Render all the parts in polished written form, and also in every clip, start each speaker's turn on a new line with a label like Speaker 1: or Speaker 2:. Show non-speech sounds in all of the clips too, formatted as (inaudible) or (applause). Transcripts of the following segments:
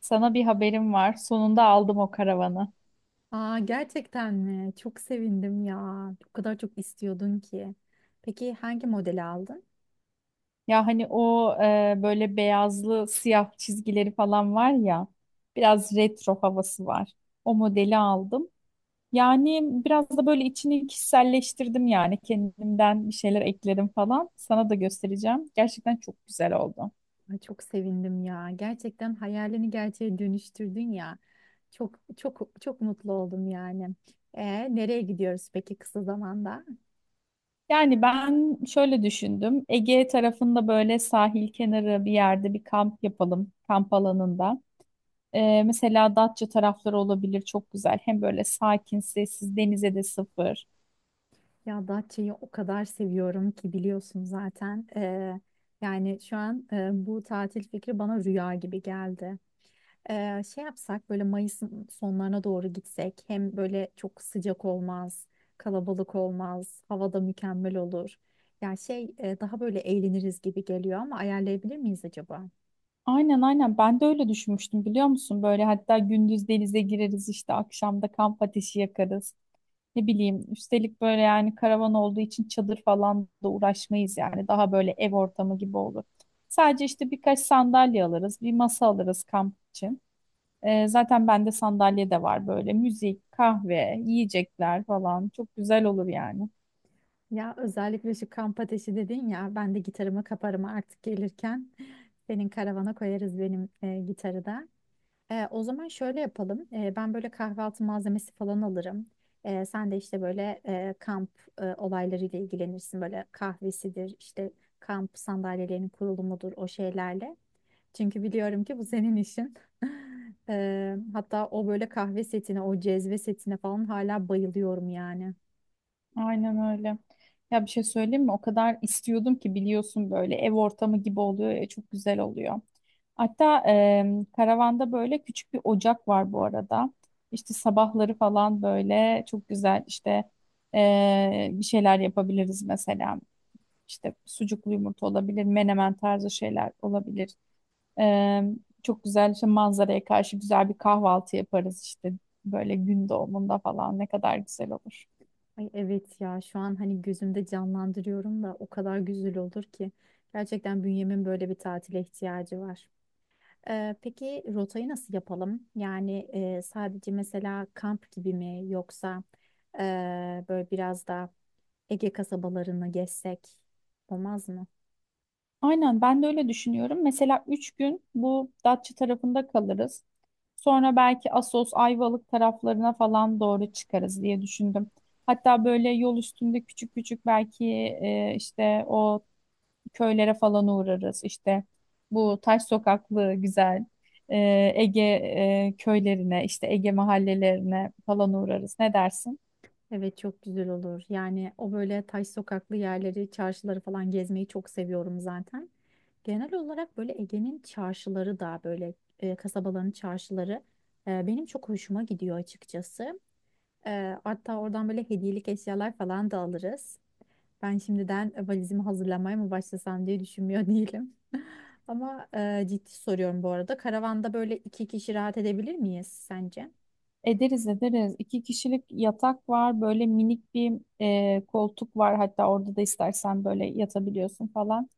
Speaker 1: Sana bir haberim var. Sonunda aldım o karavanı.
Speaker 2: Aa, gerçekten mi? Çok sevindim ya. O kadar çok istiyordun ki. Peki hangi modeli aldın?
Speaker 1: Ya hani böyle beyazlı siyah çizgileri falan var ya. Biraz retro havası var. O modeli aldım. Yani biraz da böyle içini kişiselleştirdim yani. Kendimden bir şeyler ekledim falan. Sana da göstereceğim. Gerçekten çok güzel oldu.
Speaker 2: Ay, çok sevindim ya. Gerçekten hayalini gerçeğe dönüştürdün ya. Çok çok çok mutlu oldum yani. Nereye gidiyoruz peki kısa zamanda?
Speaker 1: Yani ben şöyle düşündüm. Ege tarafında böyle sahil kenarı bir yerde bir kamp yapalım. Kamp alanında. Mesela Datça tarafları olabilir çok güzel. Hem böyle sakin, sessiz, denize de sıfır.
Speaker 2: Ya Datça'yı o kadar seviyorum ki biliyorsun zaten. Yani şu an bu tatil fikri bana rüya gibi geldi. Şey yapsak böyle Mayıs'ın sonlarına doğru gitsek hem böyle çok sıcak olmaz, kalabalık olmaz, hava da mükemmel olur. Ya şey daha böyle eğleniriz gibi geliyor ama ayarlayabilir miyiz acaba?
Speaker 1: Aynen aynen ben de öyle düşünmüştüm biliyor musun? Böyle hatta gündüz denize gireriz işte akşam da kamp ateşi yakarız. Ne bileyim üstelik böyle yani karavan olduğu için çadır falan da uğraşmayız yani. Daha böyle ev ortamı gibi olur. Sadece işte birkaç sandalye alırız, bir masa alırız kamp için. Zaten bende sandalye de var böyle. Müzik, kahve, yiyecekler falan. Çok güzel olur yani.
Speaker 2: Ya özellikle şu kamp ateşi dedin ya ben de gitarımı kaparım artık gelirken. (laughs) Senin karavana koyarız benim gitarı da. O zaman şöyle yapalım. Ben böyle kahvaltı malzemesi falan alırım. Sen de işte böyle kamp olaylarıyla ilgilenirsin. Böyle kahvesidir, işte kamp sandalyelerinin kurulumudur o şeylerle. Çünkü biliyorum ki bu senin işin. (laughs) Hatta o böyle kahve setine, o cezve setine falan hala bayılıyorum yani.
Speaker 1: Aynen öyle. Ya bir şey söyleyeyim mi? O kadar istiyordum ki biliyorsun böyle ev ortamı gibi oluyor ya çok güzel oluyor. Hatta karavanda böyle küçük bir ocak var bu arada. İşte sabahları falan böyle çok güzel işte bir şeyler yapabiliriz mesela. İşte sucuklu yumurta olabilir, menemen tarzı şeyler olabilir. E, Çok güzel işte manzaraya karşı güzel bir kahvaltı yaparız işte böyle gün doğumunda falan ne kadar güzel olur.
Speaker 2: Ay evet ya şu an hani gözümde canlandırıyorum da o kadar güzel olur ki. Gerçekten bünyemin böyle bir tatile ihtiyacı var. Peki rotayı nasıl yapalım? Yani sadece mesela kamp gibi mi yoksa böyle biraz da Ege kasabalarını gezsek olmaz mı?
Speaker 1: Aynen ben de öyle düşünüyorum. Mesela 3 gün bu Datça tarafında kalırız. Sonra belki Assos, Ayvalık taraflarına falan doğru çıkarız diye düşündüm. Hatta böyle yol üstünde küçük küçük belki o köylere falan uğrarız. İşte bu taş sokaklı güzel e, Ege köylerine, işte Ege mahallelerine falan uğrarız. Ne dersin?
Speaker 2: Evet çok güzel olur. Yani o böyle taş sokaklı yerleri, çarşıları falan gezmeyi çok seviyorum zaten. Genel olarak böyle Ege'nin çarşıları da böyle kasabaların çarşıları benim çok hoşuma gidiyor açıkçası. Hatta oradan böyle hediyelik eşyalar falan da alırız. Ben şimdiden valizimi hazırlamaya mı başlasam diye düşünmüyor (laughs) değilim. Ama ciddi soruyorum bu arada. Karavanda böyle iki kişi rahat edebilir miyiz sence?
Speaker 1: Ederiz ederiz. İki kişilik yatak var. Böyle minik bir koltuk var. Hatta orada da istersen böyle yatabiliyorsun falan.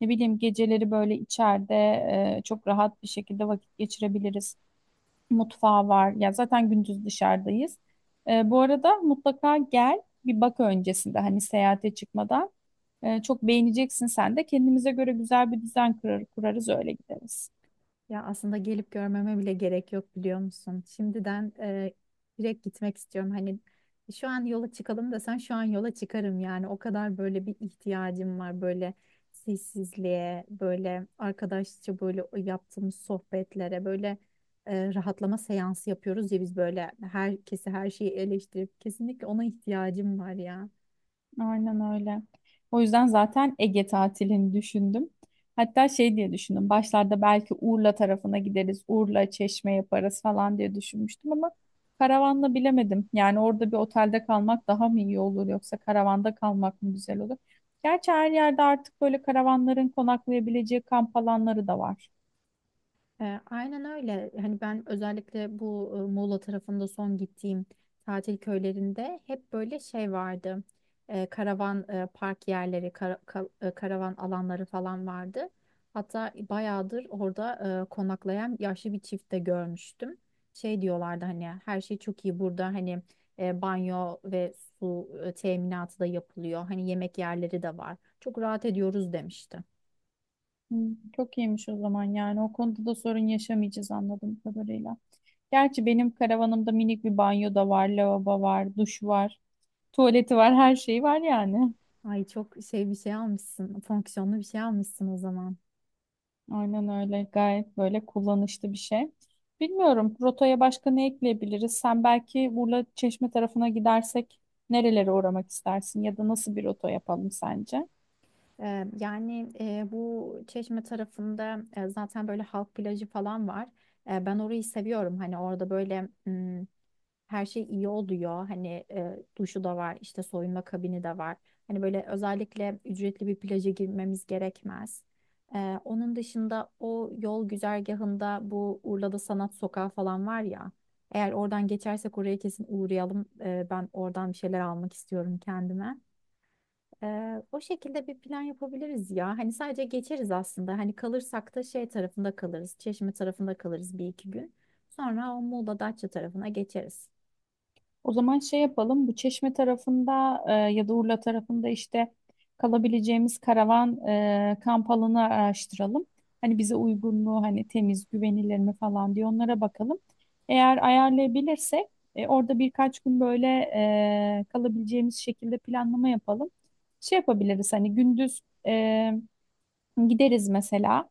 Speaker 1: Ne bileyim geceleri böyle içeride çok rahat bir şekilde vakit geçirebiliriz. Mutfağı var. Ya zaten gündüz dışarıdayız. Bu arada mutlaka gel bir bak öncesinde hani seyahate çıkmadan. Çok beğeneceksin sen de. Kendimize göre güzel bir düzen kurarız öyle gideriz.
Speaker 2: Ya aslında gelip görmeme bile gerek yok biliyor musun? Şimdiden direkt gitmek istiyorum. Hani şu an yola çıkalım desen şu an yola çıkarım yani. O kadar böyle bir ihtiyacım var böyle sessizliğe, böyle arkadaşça böyle o yaptığımız sohbetlere, böyle rahatlama seansı yapıyoruz ya biz böyle herkesi her şeyi eleştirip kesinlikle ona ihtiyacım var ya.
Speaker 1: Aynen öyle. O yüzden zaten Ege tatilini düşündüm. Hatta şey diye düşündüm. Başlarda belki Urla tarafına gideriz. Urla, Çeşme yaparız falan diye düşünmüştüm ama karavanla bilemedim. Yani orada bir otelde kalmak daha mı iyi olur yoksa karavanda kalmak mı güzel olur? Gerçi her yerde artık böyle karavanların konaklayabileceği kamp alanları da var.
Speaker 2: Aynen öyle. Hani ben özellikle bu Muğla tarafında son gittiğim tatil köylerinde hep böyle şey vardı. Karavan park yerleri, karavan alanları falan vardı. Hatta bayağıdır orada konaklayan yaşlı bir çift de görmüştüm. Şey diyorlardı hani her şey çok iyi burada hani banyo ve su teminatı da yapılıyor. Hani yemek yerleri de var. Çok rahat ediyoruz demişti.
Speaker 1: Hmm, çok iyiymiş o zaman yani o konuda da sorun yaşamayacağız anladığım kadarıyla. Gerçi benim karavanımda minik bir banyo da var, lavabo var, duş var, tuvaleti var, her şeyi var yani.
Speaker 2: Ay çok şey bir şey almışsın, fonksiyonlu bir şey almışsın o zaman.
Speaker 1: Aynen öyle. Gayet böyle kullanışlı bir şey. Bilmiyorum rotaya başka ne ekleyebiliriz? Sen belki Urla Çeşme tarafına gidersek nerelere uğramak istersin ya da nasıl bir rota yapalım sence?
Speaker 2: Yani bu Çeşme tarafında zaten böyle halk plajı falan var. Ben orayı seviyorum. Hani orada böyle her şey iyi oluyor. Hani duşu da var, işte soyunma kabini de var. Hani böyle özellikle ücretli bir plaja girmemiz gerekmez. Onun dışında o yol güzergahında bu Urla'da Sanat Sokağı falan var ya. Eğer oradan geçersek oraya kesin uğrayalım. Ben oradan bir şeyler almak istiyorum kendime. O şekilde bir plan yapabiliriz ya. Hani sadece geçeriz aslında. Hani kalırsak da şey tarafında kalırız. Çeşme tarafında kalırız bir iki gün. Sonra o Muğla Datça tarafına geçeriz.
Speaker 1: O zaman şey yapalım. Bu Çeşme tarafında ya da Urla tarafında işte kalabileceğimiz karavan kamp alanı araştıralım. Hani bize uygunluğu hani temiz, güvenilir mi falan diye onlara bakalım. Eğer ayarlayabilirsek orada birkaç gün böyle kalabileceğimiz şekilde planlama yapalım. Şey yapabiliriz hani gündüz e, gideriz mesela.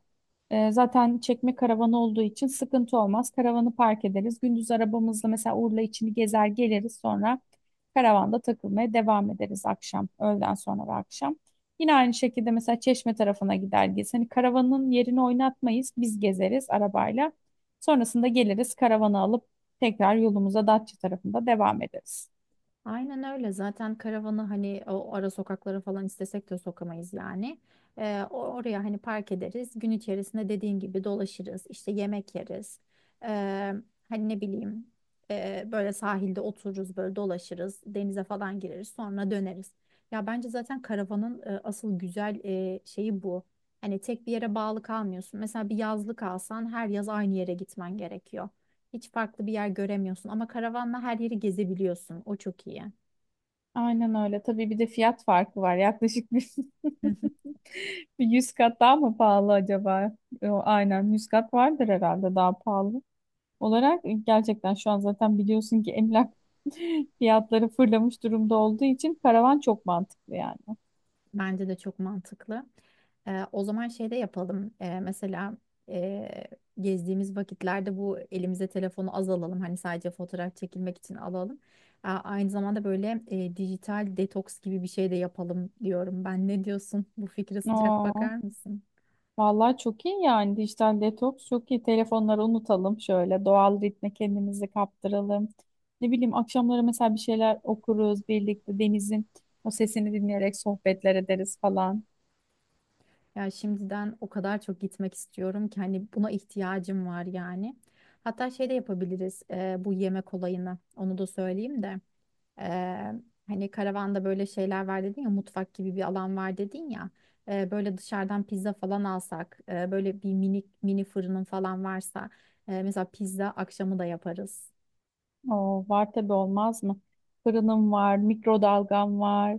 Speaker 1: Zaten çekme karavanı olduğu için sıkıntı olmaz. Karavanı park ederiz. Gündüz arabamızla mesela Urla içini gezer geliriz. Sonra karavanda takılmaya devam ederiz akşam, öğleden sonra ve akşam. Yine aynı şekilde mesela Çeşme tarafına gider gez. Hani karavanın yerini oynatmayız. Biz gezeriz arabayla. Sonrasında geliriz karavanı alıp tekrar yolumuza Datça tarafında devam ederiz.
Speaker 2: Aynen öyle. Zaten karavanı hani o ara sokaklara falan istesek de sokamayız yani. Oraya hani park ederiz. Gün içerisinde dediğin gibi dolaşırız. İşte yemek yeriz. Ee, Hani ne bileyim böyle sahilde otururuz böyle dolaşırız. Denize falan gireriz sonra döneriz. Ya bence zaten karavanın asıl güzel şeyi bu. Hani tek bir yere bağlı kalmıyorsun. Mesela bir yazlık alsan her yaz aynı yere gitmen gerekiyor. Hiç farklı bir yer göremiyorsun ama karavanla her yeri gezebiliyorsun. O çok iyi.
Speaker 1: Aynen öyle. Tabii bir de fiyat farkı var. Yaklaşık bir,
Speaker 2: Hı hı.
Speaker 1: (laughs) bir 100 kat daha mı pahalı acaba? Yo, aynen 100 kat vardır herhalde daha pahalı. Olarak gerçekten şu an zaten biliyorsun ki emlak (laughs) fiyatları fırlamış durumda olduğu için karavan çok mantıklı yani.
Speaker 2: Bence de çok mantıklı. O zaman şey de yapalım. Mesela e, gezdiğimiz vakitlerde bu elimize telefonu az alalım. Hani sadece fotoğraf çekilmek için alalım. Aa, aynı zamanda böyle dijital detoks gibi bir şey de yapalım diyorum ben. Ne diyorsun? Bu fikre sıcak
Speaker 1: Aa.
Speaker 2: bakar mısın?
Speaker 1: Vallahi çok iyi yani dijital detoks çok iyi. Telefonları unutalım şöyle doğal ritme kendimizi kaptıralım. Ne bileyim akşamları mesela bir şeyler okuruz birlikte denizin o sesini dinleyerek sohbetler ederiz falan.
Speaker 2: Ya şimdiden o kadar çok gitmek istiyorum ki hani buna ihtiyacım var yani. Hatta şey de yapabiliriz bu yemek olayını. Onu da söyleyeyim de. E, Hani karavanda böyle şeyler var dedin ya mutfak gibi bir alan var dedin ya. Böyle dışarıdan pizza falan alsak böyle bir mini mini fırının falan varsa mesela pizza akşamı da yaparız.
Speaker 1: Oo, var tabii olmaz mı? Fırınım var, mikrodalgam var,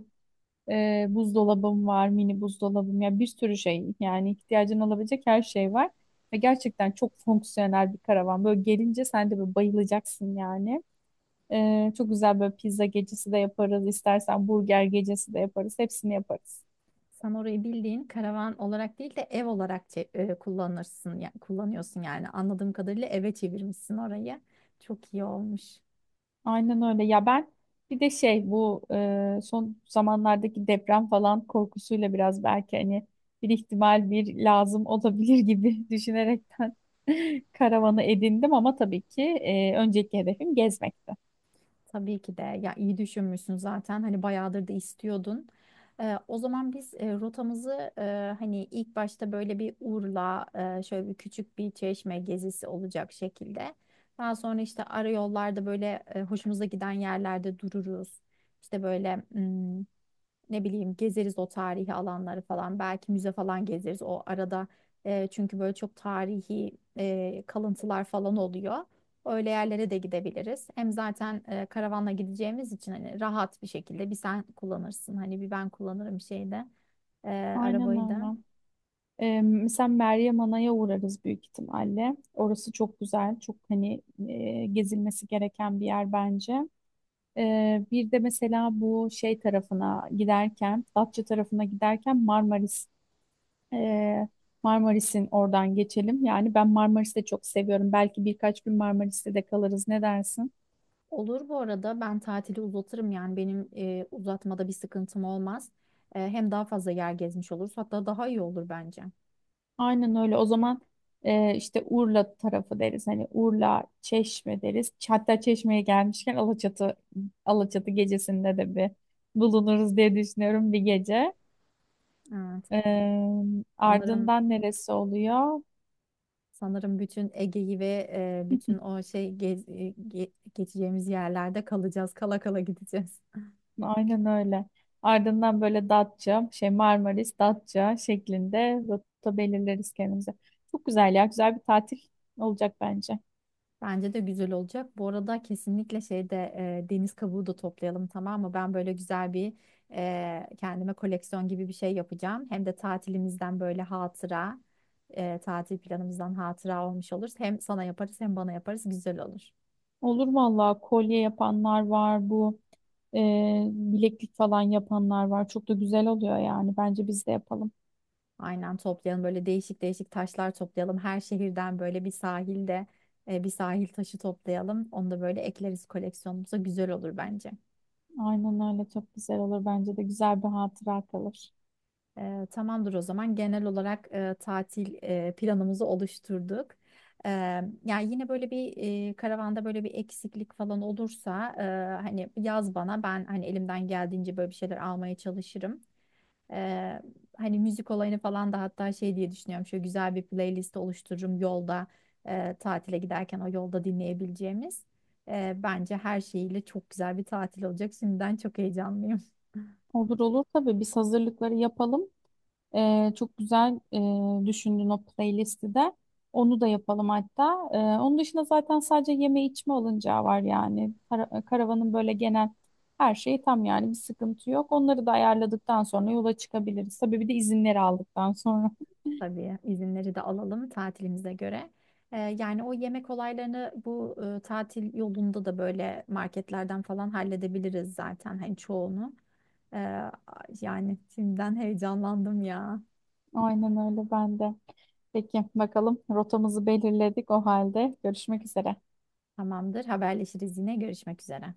Speaker 1: buzdolabım var, mini buzdolabım ya bir sürü şey yani ihtiyacın olabilecek her şey var. Ve gerçekten çok fonksiyonel bir karavan. Böyle gelince sen de böyle bayılacaksın yani. Çok güzel böyle pizza gecesi de yaparız. İstersen burger gecesi de yaparız. Hepsini yaparız.
Speaker 2: Sen orayı bildiğin karavan olarak değil de ev olarak kullanırsın ya kullanıyorsun yani anladığım kadarıyla eve çevirmişsin orayı. Çok iyi olmuş.
Speaker 1: Aynen öyle. Ya ben bir de şey bu son zamanlardaki deprem falan korkusuyla biraz belki hani bir ihtimal bir lazım olabilir gibi (laughs) düşünerekten (laughs) karavanı edindim ama tabii ki önceki hedefim gezmekti.
Speaker 2: Tabii ki de ya iyi düşünmüşsün zaten hani bayağıdır da istiyordun. O zaman biz rotamızı hani ilk başta böyle bir Urla şöyle bir küçük bir çeşme gezisi olacak şekilde. Daha sonra işte ara yollarda böyle hoşumuza giden yerlerde dururuz. İşte böyle ne bileyim gezeriz o tarihi alanları falan. Belki müze falan gezeriz o arada. Çünkü böyle çok tarihi kalıntılar falan oluyor. Öyle yerlere de gidebiliriz. Hem zaten karavanla gideceğimiz için hani rahat bir şekilde bir sen kullanırsın. Hani bir ben kullanırım şeyde e,
Speaker 1: Aynen
Speaker 2: arabayı da.
Speaker 1: öyle. Mesela Meryem Ana'ya uğrarız büyük ihtimalle. Orası çok güzel, çok hani gezilmesi gereken bir yer bence. Bir de mesela bu şey tarafına giderken, Datça tarafına giderken e, Marmaris'in oradan geçelim. Yani ben Marmaris'i de çok seviyorum. Belki birkaç gün Marmaris'te de kalırız. Ne dersin?
Speaker 2: Olur bu arada ben tatili uzatırım yani benim uzatmada bir sıkıntım olmaz. Hem daha fazla yer gezmiş oluruz hatta daha iyi olur bence.
Speaker 1: Aynen öyle. O zaman işte Urla tarafı deriz. Hani Urla, Çeşme deriz. Hatta Çeşme'ye gelmişken Alaçatı gecesinde de bir bulunuruz diye düşünüyorum bir gece.
Speaker 2: Evet
Speaker 1: E,
Speaker 2: sanırım
Speaker 1: Ardından neresi oluyor?
Speaker 2: Sanırım bütün Ege'yi ve bütün
Speaker 1: (laughs)
Speaker 2: o şey geçeceğimiz yerlerde kalacağız. Kala kala gideceğiz.
Speaker 1: Aynen öyle. Ardından böyle Datça, şey Marmaris, Datça şeklinde rota belirleriz kendimize. Çok güzel ya. Güzel bir tatil olacak bence.
Speaker 2: Bence de güzel olacak. Bu arada kesinlikle şeyde deniz kabuğu da toplayalım, tamam mı? Ben böyle güzel bir kendime koleksiyon gibi bir şey yapacağım. Hem de tatilimizden böyle hatıra, tatil planımızdan hatıra olmuş olur. Hem sana yaparız hem bana yaparız güzel olur.
Speaker 1: Olur vallahi kolye yapanlar var bu e, bileklik falan yapanlar var. Çok da güzel oluyor yani. Bence biz de yapalım.
Speaker 2: Aynen toplayalım böyle değişik değişik taşlar toplayalım. Her şehirden böyle bir sahilde bir sahil taşı toplayalım. Onu da böyle ekleriz koleksiyonumuza güzel olur bence.
Speaker 1: Aynen öyle çok güzel olur. Bence de güzel bir hatıra kalır.
Speaker 2: Tamamdır o zaman genel olarak tatil planımızı oluşturduk. E, Yani yine böyle bir karavanda böyle bir eksiklik falan olursa hani yaz bana, ben hani elimden geldiğince böyle bir şeyler almaya çalışırım. Ee, Hani müzik olayını falan da hatta şey diye düşünüyorum. Şöyle güzel bir playlist oluştururum yolda tatile giderken o yolda dinleyebileceğimiz. Bence her şeyiyle çok güzel bir tatil olacak. Şimdiden çok heyecanlıyım.
Speaker 1: Olur olur tabii biz hazırlıkları yapalım. Çok güzel düşündün o playlisti de. Onu da yapalım hatta. Onun dışında zaten sadece yeme içme alınacağı var yani. Kara- karavanın böyle genel her şeyi tam yani bir sıkıntı yok. Onları da ayarladıktan sonra yola çıkabiliriz. Tabii bir de izinleri aldıktan sonra.
Speaker 2: (laughs)
Speaker 1: (laughs)
Speaker 2: Tabii izinleri de alalım tatilimize göre. Yani o yemek olaylarını bu tatil yolunda da böyle marketlerden falan halledebiliriz zaten hani çoğunu. Ee, Yani şimdiden heyecanlandım ya.
Speaker 1: Aynen öyle ben de. Peki bakalım rotamızı belirledik o halde. Görüşmek üzere.
Speaker 2: Tamamdır, haberleşiriz, yine görüşmek üzere.